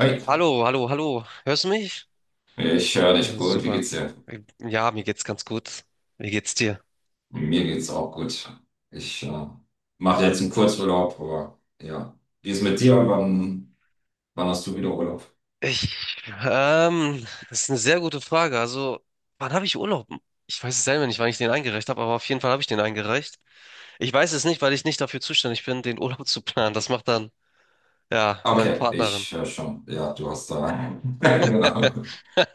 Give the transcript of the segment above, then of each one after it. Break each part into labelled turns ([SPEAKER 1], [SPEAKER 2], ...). [SPEAKER 1] Hi,
[SPEAKER 2] Hallo, hallo, hallo. Hörst du mich?
[SPEAKER 1] ich höre dich gut. Wie
[SPEAKER 2] Super.
[SPEAKER 1] geht's dir?
[SPEAKER 2] Ja, mir geht's ganz gut. Wie geht's dir?
[SPEAKER 1] Mir geht's auch gut. Ich mache jetzt einen Kurzurlaub, aber ja. Wie ist mit dir? Wann hast du wieder Urlaub?
[SPEAKER 2] Ich, Das ist eine sehr gute Frage. Also, wann habe ich Urlaub? Ich weiß es selber nicht, wann ich den eingereicht habe, aber auf jeden Fall habe ich den eingereicht. Ich weiß es nicht, weil ich nicht dafür zuständig bin, den Urlaub zu planen. Das macht dann, ja, meine
[SPEAKER 1] Okay,
[SPEAKER 2] Partnerin.
[SPEAKER 1] ich höre schon. Ja, du hast da. Genau.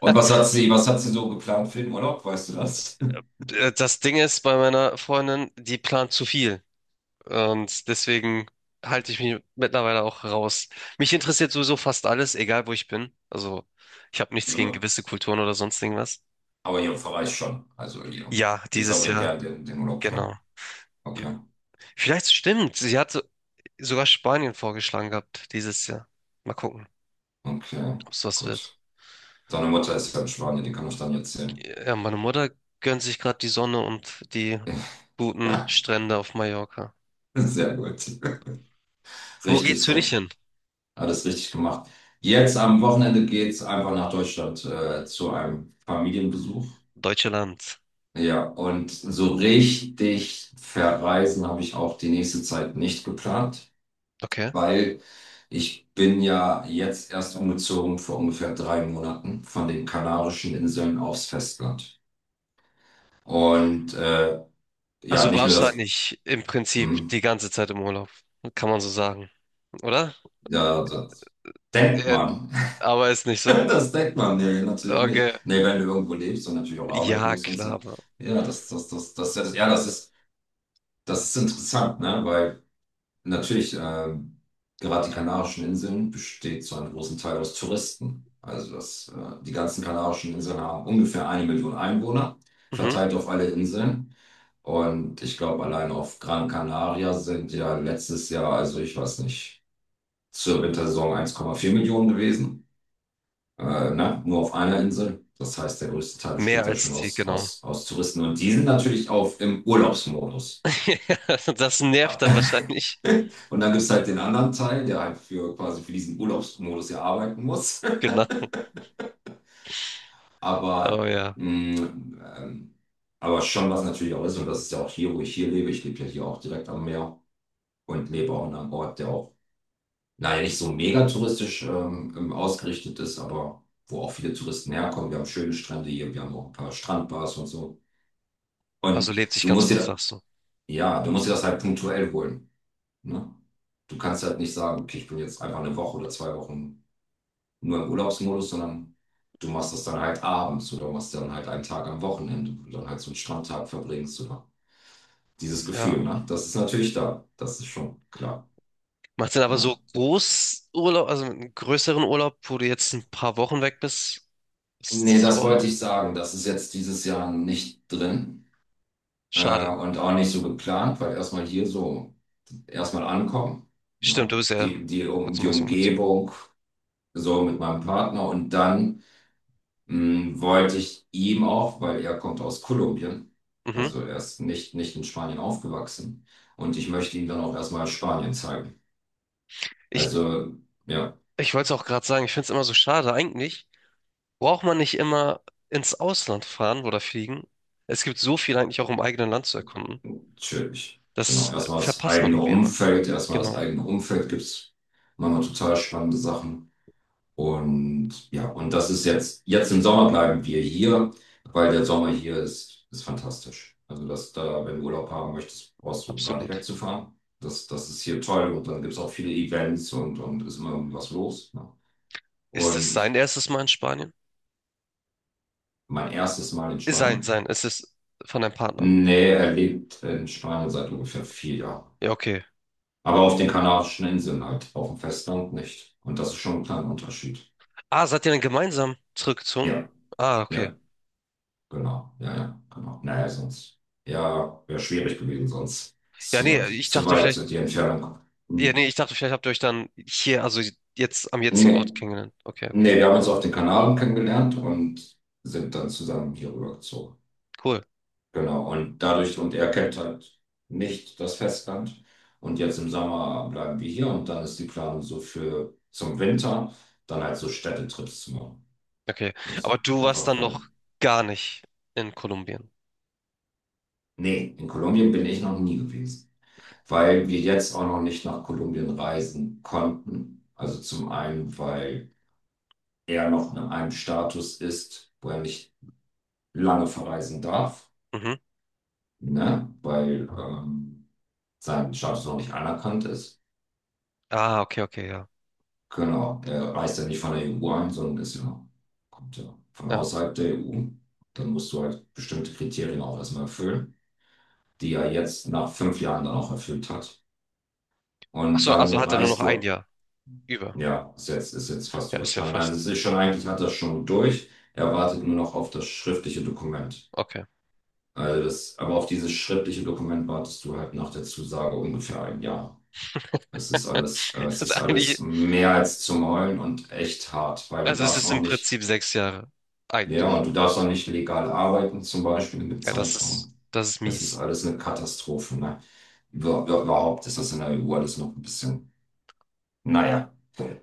[SPEAKER 1] Und was hat sie, was hat sie so geplant für den Urlaub? Weißt du das?
[SPEAKER 2] Das Ding ist bei meiner Freundin, die plant zu viel. Und deswegen halte ich mich mittlerweile auch raus. Mich interessiert sowieso fast alles, egal wo ich bin. Also ich habe nichts gegen
[SPEAKER 1] So,
[SPEAKER 2] gewisse Kulturen oder sonst irgendwas.
[SPEAKER 1] aber ihr verreist schon. Also ihr,
[SPEAKER 2] Ja,
[SPEAKER 1] ihr
[SPEAKER 2] dieses
[SPEAKER 1] verbringt
[SPEAKER 2] Jahr,
[SPEAKER 1] gern den Urlaub, ja.
[SPEAKER 2] genau.
[SPEAKER 1] Okay,
[SPEAKER 2] Vielleicht stimmt. Sogar Spanien vorgeschlagen gehabt dieses Jahr. Mal gucken,
[SPEAKER 1] okay,
[SPEAKER 2] ob es was wird.
[SPEAKER 1] gut. Deine Mutter ist ja in Spanien, die kann ich dann jetzt sehen.
[SPEAKER 2] Ja, meine Mutter gönnt sich gerade die Sonne und die guten
[SPEAKER 1] Ja,
[SPEAKER 2] Strände auf Mallorca.
[SPEAKER 1] sehr gut.
[SPEAKER 2] Wo geht's
[SPEAKER 1] Richtig
[SPEAKER 2] für dich
[SPEAKER 1] so.
[SPEAKER 2] hin?
[SPEAKER 1] Alles richtig gemacht. Jetzt am Wochenende geht's einfach nach Deutschland zu einem Familienbesuch.
[SPEAKER 2] Deutsche Land.
[SPEAKER 1] Ja, und so richtig verreisen habe ich auch die nächste Zeit nicht geplant,
[SPEAKER 2] Okay.
[SPEAKER 1] weil ich bin ja jetzt erst umgezogen vor ungefähr 3 Monaten von den Kanarischen Inseln aufs Festland. Und ja,
[SPEAKER 2] Also
[SPEAKER 1] nicht nur
[SPEAKER 2] warst du
[SPEAKER 1] das,
[SPEAKER 2] eigentlich im Prinzip die
[SPEAKER 1] hm,
[SPEAKER 2] ganze Zeit im Urlaub, kann man so sagen, oder?
[SPEAKER 1] ja, das denkt
[SPEAKER 2] Äh,
[SPEAKER 1] man.
[SPEAKER 2] Aber ist nicht so.
[SPEAKER 1] Das denkt man, nee, natürlich nicht.
[SPEAKER 2] Okay.
[SPEAKER 1] Nee, wenn du irgendwo lebst und natürlich auch arbeiten
[SPEAKER 2] Ja,
[SPEAKER 1] musst und
[SPEAKER 2] klar,
[SPEAKER 1] so.
[SPEAKER 2] aber.
[SPEAKER 1] Ja, das, ja, das ist interessant, ne? Weil natürlich, gerade die Kanarischen Inseln besteht zu einem großen Teil aus Touristen. Also die ganzen Kanarischen Inseln haben ungefähr eine Million Einwohner,
[SPEAKER 2] Mhm.
[SPEAKER 1] verteilt auf alle Inseln. Und ich glaube, allein auf Gran Canaria sind ja letztes Jahr, also ich weiß nicht, zur Wintersaison 1,4 Millionen gewesen, ne, nur auf einer Insel. Das heißt, der größte Teil
[SPEAKER 2] Mehr
[SPEAKER 1] besteht ja schon
[SPEAKER 2] als die,
[SPEAKER 1] aus,
[SPEAKER 2] genau.
[SPEAKER 1] aus, aus Touristen und die sind natürlich auf im Urlaubsmodus.
[SPEAKER 2] Ja, das nervt dann wahrscheinlich.
[SPEAKER 1] Und dann gibt es halt den anderen Teil, der halt für quasi für diesen Urlaubsmodus ja arbeiten muss.
[SPEAKER 2] Genau. Oh
[SPEAKER 1] Aber,
[SPEAKER 2] ja.
[SPEAKER 1] mh, ähm, aber schon was natürlich auch ist, und das ist ja auch hier, wo ich hier lebe. Ich lebe ja hier auch direkt am Meer und lebe auch in einem Ort, der auch, naja, nicht so mega touristisch ausgerichtet ist, aber wo auch viele Touristen herkommen. Wir haben schöne Strände hier, wir haben auch ein paar Strandbars und so. Und
[SPEAKER 2] Also lebt sich
[SPEAKER 1] du
[SPEAKER 2] ganz
[SPEAKER 1] musst
[SPEAKER 2] gut,
[SPEAKER 1] dir,
[SPEAKER 2] sagst du.
[SPEAKER 1] ja, du musst dir das halt punktuell holen. Ne? Du kannst halt nicht sagen, okay, ich bin jetzt einfach eine Woche oder 2 Wochen nur im Urlaubsmodus, sondern du machst das dann halt abends oder machst dann halt einen Tag am Wochenende, wo du dann halt so einen Strandtag verbringst oder dieses Gefühl,
[SPEAKER 2] Ja.
[SPEAKER 1] ne? Das ist natürlich da. Das ist schon klar.
[SPEAKER 2] Macht denn aber so
[SPEAKER 1] Ja.
[SPEAKER 2] Großurlaub, also einen größeren Urlaub, wo du jetzt ein paar Wochen weg bist? Ist
[SPEAKER 1] Nee,
[SPEAKER 2] das
[SPEAKER 1] das wollte
[SPEAKER 2] war
[SPEAKER 1] ich sagen. Das ist jetzt dieses Jahr nicht drin,
[SPEAKER 2] schade.
[SPEAKER 1] und auch nicht so geplant, weil erstmal hier so erstmal ankommen.
[SPEAKER 2] Stimmt, du
[SPEAKER 1] Ja.
[SPEAKER 2] bist ja
[SPEAKER 1] Die, die,
[SPEAKER 2] vor
[SPEAKER 1] um,
[SPEAKER 2] kurzem
[SPEAKER 1] die
[SPEAKER 2] erst umgezogen.
[SPEAKER 1] Umgebung so mit meinem Partner und dann wollte ich ihm auch, weil er kommt aus Kolumbien,
[SPEAKER 2] Mhm.
[SPEAKER 1] also er ist nicht in Spanien aufgewachsen und ich möchte ihm dann auch erstmal Spanien zeigen.
[SPEAKER 2] Ich,
[SPEAKER 1] Also ja,
[SPEAKER 2] ich wollte es auch gerade sagen, ich finde es immer so schade eigentlich. Braucht man nicht immer ins Ausland fahren oder fliegen? Es gibt so viel eigentlich auch im eigenen Land zu erkunden.
[SPEAKER 1] natürlich. Genau,
[SPEAKER 2] Das
[SPEAKER 1] erstmal das
[SPEAKER 2] verpasst man
[SPEAKER 1] eigene
[SPEAKER 2] irgendwie immer.
[SPEAKER 1] Umfeld, erstmal das
[SPEAKER 2] Genau,
[SPEAKER 1] eigene Umfeld gibt es manchmal total spannende Sachen. Und ja, und das ist jetzt im Sommer bleiben wir hier, weil der Sommer hier ist fantastisch. Also, dass da, wenn du Urlaub haben möchtest, brauchst du gar nicht
[SPEAKER 2] absolut.
[SPEAKER 1] wegzufahren. Das ist hier toll und dann gibt es auch viele Events und ist immer irgendwie was los. Ne?
[SPEAKER 2] Ist es sein
[SPEAKER 1] Und
[SPEAKER 2] erstes Mal in Spanien?
[SPEAKER 1] mein erstes Mal in
[SPEAKER 2] Sein,
[SPEAKER 1] Spanien.
[SPEAKER 2] sein. Es ist von deinem Partner.
[SPEAKER 1] Nee, er lebt in Spanien seit ungefähr 4 Jahren.
[SPEAKER 2] Ja, okay.
[SPEAKER 1] Aber auf den Kanarischen Inseln halt, auf dem Festland nicht. Und das ist schon ein kleiner Unterschied.
[SPEAKER 2] Ah, seid ihr dann gemeinsam zurückgezogen?
[SPEAKER 1] Ja,
[SPEAKER 2] Ah, okay.
[SPEAKER 1] ja. Genau, ja, ja, genau. Naja, sonst, ja, wäre schwierig gewesen, sonst ist
[SPEAKER 2] Ja, nee, ich
[SPEAKER 1] zu
[SPEAKER 2] dachte
[SPEAKER 1] weit sind die
[SPEAKER 2] vielleicht,
[SPEAKER 1] Entfernung.
[SPEAKER 2] ja, nee,
[SPEAKER 1] Hm.
[SPEAKER 2] ich dachte vielleicht habt ihr euch dann hier, also jetzt am jetzigen
[SPEAKER 1] Nee,
[SPEAKER 2] Ort kennengelernt. Okay,
[SPEAKER 1] nee,
[SPEAKER 2] okay.
[SPEAKER 1] wir haben uns auf den Kanaren kennengelernt und sind dann zusammen hier rübergezogen.
[SPEAKER 2] Cool.
[SPEAKER 1] Genau, und er kennt halt nicht das Festland. Und jetzt im Sommer bleiben wir hier und dann ist die Planung so für zum Winter, dann halt so Städtetrips zu machen.
[SPEAKER 2] Okay. Aber
[SPEAKER 1] Muss
[SPEAKER 2] du warst
[SPEAKER 1] einfach
[SPEAKER 2] dann noch
[SPEAKER 1] verwenden.
[SPEAKER 2] gar nicht in Kolumbien.
[SPEAKER 1] Nee, in Kolumbien bin ich noch nie gewesen. Weil wir jetzt auch noch nicht nach Kolumbien reisen konnten. Also zum einen, weil er noch in einem Status ist, wo er nicht lange verreisen darf,
[SPEAKER 2] Mhm.
[SPEAKER 1] ne? Weil sein Status noch nicht anerkannt ist.
[SPEAKER 2] Ah, okay, okay, ja.
[SPEAKER 1] Genau, er reist ja nicht von der EU ein, sondern kommt ja von
[SPEAKER 2] Ja.
[SPEAKER 1] außerhalb der EU. Dann musst du halt bestimmte Kriterien auch erstmal erfüllen, die er jetzt nach 5 Jahren dann auch erfüllt hat.
[SPEAKER 2] Ach
[SPEAKER 1] Und
[SPEAKER 2] so,
[SPEAKER 1] dann
[SPEAKER 2] also hat er nur noch
[SPEAKER 1] reist
[SPEAKER 2] ein
[SPEAKER 1] du.
[SPEAKER 2] Jahr über.
[SPEAKER 1] Ja, ist jetzt fast
[SPEAKER 2] Ja, ist ja
[SPEAKER 1] überstanden. Also
[SPEAKER 2] fast.
[SPEAKER 1] es ist schon, eigentlich hat das schon durch. Er wartet nur noch auf das schriftliche Dokument.
[SPEAKER 2] Okay.
[SPEAKER 1] Aber auf dieses schriftliche Dokument wartest du halt nach der Zusage ungefähr ein Jahr. Es ist alles, äh, es
[SPEAKER 2] Also
[SPEAKER 1] ist
[SPEAKER 2] eigentlich,
[SPEAKER 1] alles mehr als zum Heulen und echt hart, weil du
[SPEAKER 2] also es
[SPEAKER 1] darfst
[SPEAKER 2] ist
[SPEAKER 1] auch
[SPEAKER 2] im
[SPEAKER 1] nicht,
[SPEAKER 2] Prinzip sechs Jahre.
[SPEAKER 1] ja,
[SPEAKER 2] Eigentlich.
[SPEAKER 1] und du darfst auch nicht legal arbeiten, zum Beispiel in dem
[SPEAKER 2] Ja,
[SPEAKER 1] Zeitraum.
[SPEAKER 2] das ist
[SPEAKER 1] Es ist
[SPEAKER 2] mies.
[SPEAKER 1] alles eine Katastrophe, ne? Überhaupt ist das in der EU alles noch ein bisschen, naja.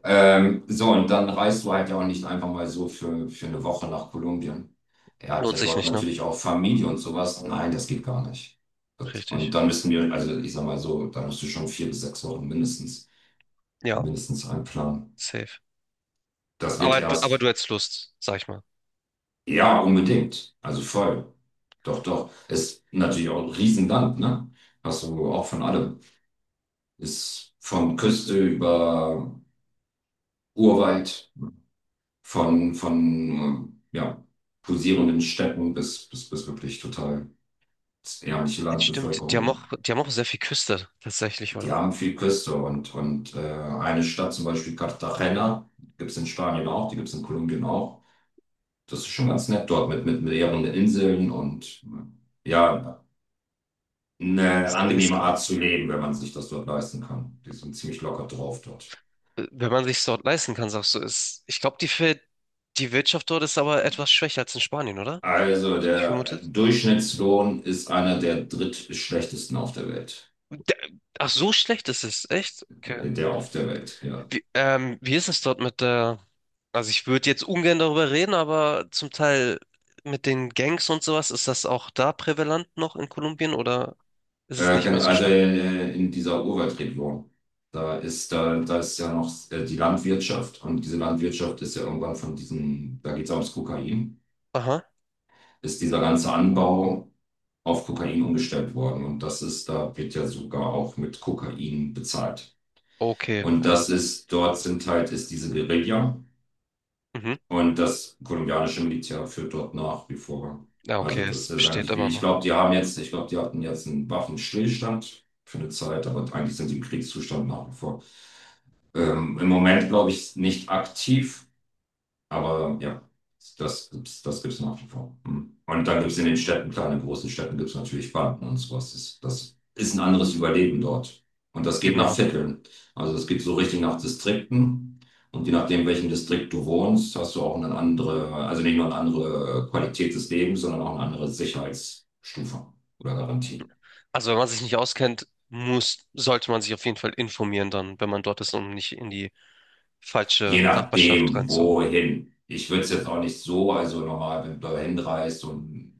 [SPEAKER 1] So, und dann reist du halt ja auch nicht einfach mal so für eine Woche nach Kolumbien. Er hat
[SPEAKER 2] Lohnt
[SPEAKER 1] ja
[SPEAKER 2] sich
[SPEAKER 1] dort
[SPEAKER 2] nicht, ne?
[SPEAKER 1] natürlich auch Familie und sowas. Nein, das geht gar nicht. Und
[SPEAKER 2] Richtig.
[SPEAKER 1] dann müssen wir, also ich sag mal so, da musst du schon 4 bis 6 Wochen mindestens,
[SPEAKER 2] Ja,
[SPEAKER 1] mindestens einplanen.
[SPEAKER 2] safe.
[SPEAKER 1] Das wird
[SPEAKER 2] Aber du
[SPEAKER 1] erst,
[SPEAKER 2] hättest Lust, sag ich mal.
[SPEAKER 1] ja, unbedingt. Also voll. Doch, doch. Ist natürlich auch ein Riesenland, ne? Hast du auch von allem. Ist von Küste über Urwald. Von, ja, pulsierenden Städten bis wirklich total ärmliche
[SPEAKER 2] Jetzt stimmt, die
[SPEAKER 1] Landbevölkerung
[SPEAKER 2] haben auch,
[SPEAKER 1] auch.
[SPEAKER 2] die haben auch sehr viel Küste, tatsächlich,
[SPEAKER 1] Die
[SPEAKER 2] oder?
[SPEAKER 1] haben viel Küste und eine Stadt, zum Beispiel Cartagena, gibt es in Spanien auch, die gibt es in Kolumbien auch. Das ist schon ganz nett dort mit mehreren Inseln und ja, eine
[SPEAKER 2] Ich sehe es
[SPEAKER 1] angenehme
[SPEAKER 2] gerade.
[SPEAKER 1] Art zu leben, wenn man sich das dort leisten kann. Die sind ziemlich locker drauf dort.
[SPEAKER 2] Wenn man sich dort leisten kann, sagst du, ist, ich glaube, die Wirtschaft dort ist aber etwas schwächer als in Spanien, oder?
[SPEAKER 1] Also
[SPEAKER 2] Ich
[SPEAKER 1] der
[SPEAKER 2] vermutet.
[SPEAKER 1] Durchschnittslohn ist einer der drittschlechtesten auf der Welt.
[SPEAKER 2] Der- Ach, so schlecht ist es, echt? Okay.
[SPEAKER 1] Der auf der Welt, ja.
[SPEAKER 2] Wie ist es dort mit der, also ich würde jetzt ungern darüber reden, aber zum Teil mit den Gangs und sowas, ist das auch da prävalent noch in Kolumbien oder ist es
[SPEAKER 1] Äh,
[SPEAKER 2] nicht
[SPEAKER 1] gen-
[SPEAKER 2] mehr so
[SPEAKER 1] also
[SPEAKER 2] schlimm?
[SPEAKER 1] äh, in dieser Urwaldregion. Da ist ja noch die Landwirtschaft und diese Landwirtschaft ist ja irgendwann von diesem, da geht es ums Kokain,
[SPEAKER 2] Aha,
[SPEAKER 1] ist dieser ganze Anbau auf Kokain umgestellt worden. Da wird ja sogar auch mit Kokain bezahlt.
[SPEAKER 2] okay,
[SPEAKER 1] Und
[SPEAKER 2] ja.
[SPEAKER 1] das ist, dort sind halt, ist diese Guerilla.
[SPEAKER 2] Mhm.
[SPEAKER 1] Und das kolumbianische Militär führt dort nach wie vor.
[SPEAKER 2] Ja,
[SPEAKER 1] Also
[SPEAKER 2] okay, es
[SPEAKER 1] das ist
[SPEAKER 2] besteht
[SPEAKER 1] eigentlich wie,
[SPEAKER 2] immer
[SPEAKER 1] ich
[SPEAKER 2] noch.
[SPEAKER 1] glaube, die haben jetzt, ich glaube, die hatten jetzt einen Waffenstillstand für eine Zeit, aber eigentlich sind sie im Kriegszustand nach wie vor. Im Moment, glaube ich, nicht aktiv. Aber ja, das gibt's nach wie vor. Hm. Und dann gibt's in den Städten, kleinen großen Städten gibt's natürlich Banken und sowas. Das ist ein anderes Überleben dort. Und das geht nach
[SPEAKER 2] Genau.
[SPEAKER 1] Vierteln. Also es geht so richtig nach Distrikten. Und je nachdem, in welchem Distrikt du wohnst, hast du auch eine andere, also nicht nur eine andere Qualität des Lebens, sondern auch eine andere Sicherheitsstufe oder Garantie.
[SPEAKER 2] Also wenn man sich nicht auskennt, muss, sollte man sich auf jeden Fall informieren dann, wenn man dort ist, um nicht in die
[SPEAKER 1] Je
[SPEAKER 2] falsche Nachbarschaft
[SPEAKER 1] nachdem,
[SPEAKER 2] reinzu.
[SPEAKER 1] wohin. Ich würde es jetzt auch nicht so, also normal, wenn du hinreist und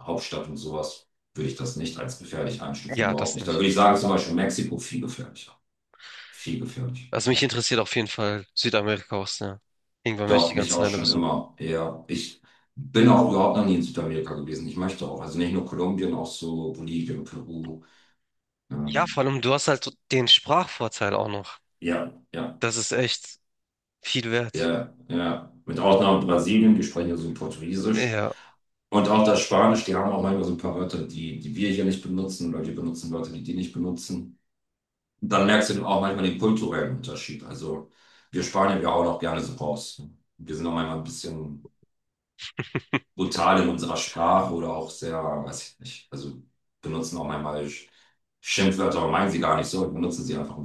[SPEAKER 1] Hauptstadt und sowas würde ich das nicht als gefährlich einstufen,
[SPEAKER 2] Ja,
[SPEAKER 1] überhaupt
[SPEAKER 2] das
[SPEAKER 1] nicht. Da
[SPEAKER 2] nicht.
[SPEAKER 1] würde ich sagen, zum Beispiel Mexiko viel gefährlicher. Viel gefährlicher.
[SPEAKER 2] Also mich interessiert auf jeden Fall Südamerika auch sehr. Irgendwann werde ich die
[SPEAKER 1] Doch, mich
[SPEAKER 2] ganzen
[SPEAKER 1] auch
[SPEAKER 2] Länder
[SPEAKER 1] schon
[SPEAKER 2] besuchen.
[SPEAKER 1] immer. Ja, ich bin auch überhaupt noch nie in Südamerika gewesen. Ich möchte auch. Also nicht nur Kolumbien, auch so Bolivien, Peru.
[SPEAKER 2] Ja, vor
[SPEAKER 1] Ähm,
[SPEAKER 2] allem du hast halt so den Sprachvorteil auch noch.
[SPEAKER 1] ja, ja,
[SPEAKER 2] Das ist echt viel wert.
[SPEAKER 1] ja, ja. Mit Ausnahme Brasilien, die sprechen ja so Portugiesisch.
[SPEAKER 2] Ja,
[SPEAKER 1] Und auch das Spanisch, die haben auch manchmal so ein paar Wörter, die wir hier nicht benutzen, oder die benutzen Wörter, die die nicht benutzen. Und dann merkst du auch manchmal den kulturellen Unterschied. Also wir Spanier, wir hauen auch gerne so raus. Wir sind auch manchmal ein bisschen brutal in unserer Sprache oder auch sehr, weiß ich nicht, also benutzen auch manchmal Schimpfwörter, aber meinen sie gar nicht so, benutzen sie einfach im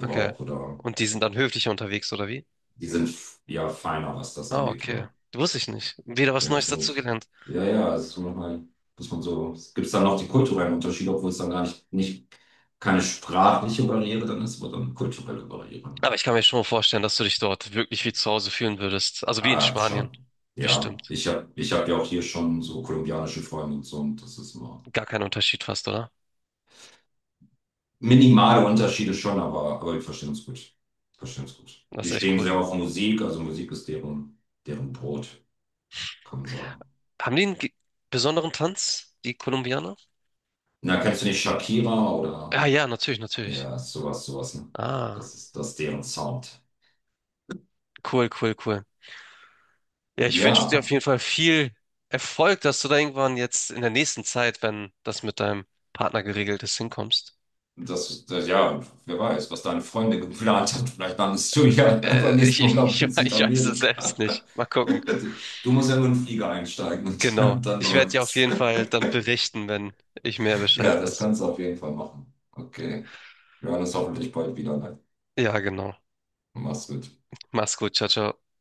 [SPEAKER 2] okay.
[SPEAKER 1] oder
[SPEAKER 2] Und die sind dann höflicher unterwegs, oder wie?
[SPEAKER 1] die sind ja feiner, was das
[SPEAKER 2] Ah,
[SPEAKER 1] angeht,
[SPEAKER 2] okay.
[SPEAKER 1] oder?
[SPEAKER 2] Wusste ich nicht. Wieder was
[SPEAKER 1] Ja,
[SPEAKER 2] Neues dazugelernt.
[SPEAKER 1] ja, ja, es ist so manchmal, muss man so, es gibt dann noch die kulturellen Unterschiede, obwohl es dann gar nicht keine sprachliche Barriere dann ist, aber dann kulturelle Barriere. Ne?
[SPEAKER 2] Aber ich kann mir schon vorstellen, dass du dich dort wirklich wie zu Hause fühlen würdest. Also wie in
[SPEAKER 1] Ah,
[SPEAKER 2] Spanien.
[SPEAKER 1] schon. Ja,
[SPEAKER 2] Bestimmt.
[SPEAKER 1] ich hab ja auch hier schon so kolumbianische Freunde und so und das ist immer
[SPEAKER 2] Gar kein Unterschied fast, oder?
[SPEAKER 1] minimale Unterschiede schon, aber wir verstehen uns gut. Verstehen uns gut.
[SPEAKER 2] Das
[SPEAKER 1] Die
[SPEAKER 2] ist echt
[SPEAKER 1] stehen
[SPEAKER 2] cool.
[SPEAKER 1] sehr auf Musik, also Musik ist deren Brot, kann man sagen.
[SPEAKER 2] Haben die einen ge- besonderen Tanz, die Kolumbianer?
[SPEAKER 1] Na, kennst du nicht Shakira oder
[SPEAKER 2] Ah ja, natürlich, natürlich.
[SPEAKER 1] ja, sowas, sowas, ne?
[SPEAKER 2] Ah,
[SPEAKER 1] Das ist deren Sound.
[SPEAKER 2] cool, cool, cool. Ja, ich wünsche dir auf
[SPEAKER 1] Ja,
[SPEAKER 2] jeden Fall viel Erfolg, dass du da irgendwann jetzt in der nächsten Zeit, wenn das mit deinem Partner geregelt ist, hinkommst.
[SPEAKER 1] ja, wer weiß, was deine Freunde geplant haben. Vielleicht landest du ja beim
[SPEAKER 2] Ich,
[SPEAKER 1] nächsten
[SPEAKER 2] ich,
[SPEAKER 1] Urlaub in
[SPEAKER 2] ich weiß es selbst
[SPEAKER 1] Südamerika.
[SPEAKER 2] nicht. Mal gucken.
[SPEAKER 1] Du musst ja nur in den Flieger einsteigen und
[SPEAKER 2] Genau.
[SPEAKER 1] dann
[SPEAKER 2] Ich werde dir auf
[SPEAKER 1] läuft's.
[SPEAKER 2] jeden Fall dann berichten, wenn ich mehr
[SPEAKER 1] Ja,
[SPEAKER 2] Bescheid
[SPEAKER 1] das
[SPEAKER 2] weiß.
[SPEAKER 1] kannst du auf jeden Fall machen. Okay. Wir hören uns hoffentlich bald wieder. Ne?
[SPEAKER 2] Ja, genau.
[SPEAKER 1] Mach's gut.
[SPEAKER 2] Mach's gut. Ciao, ciao.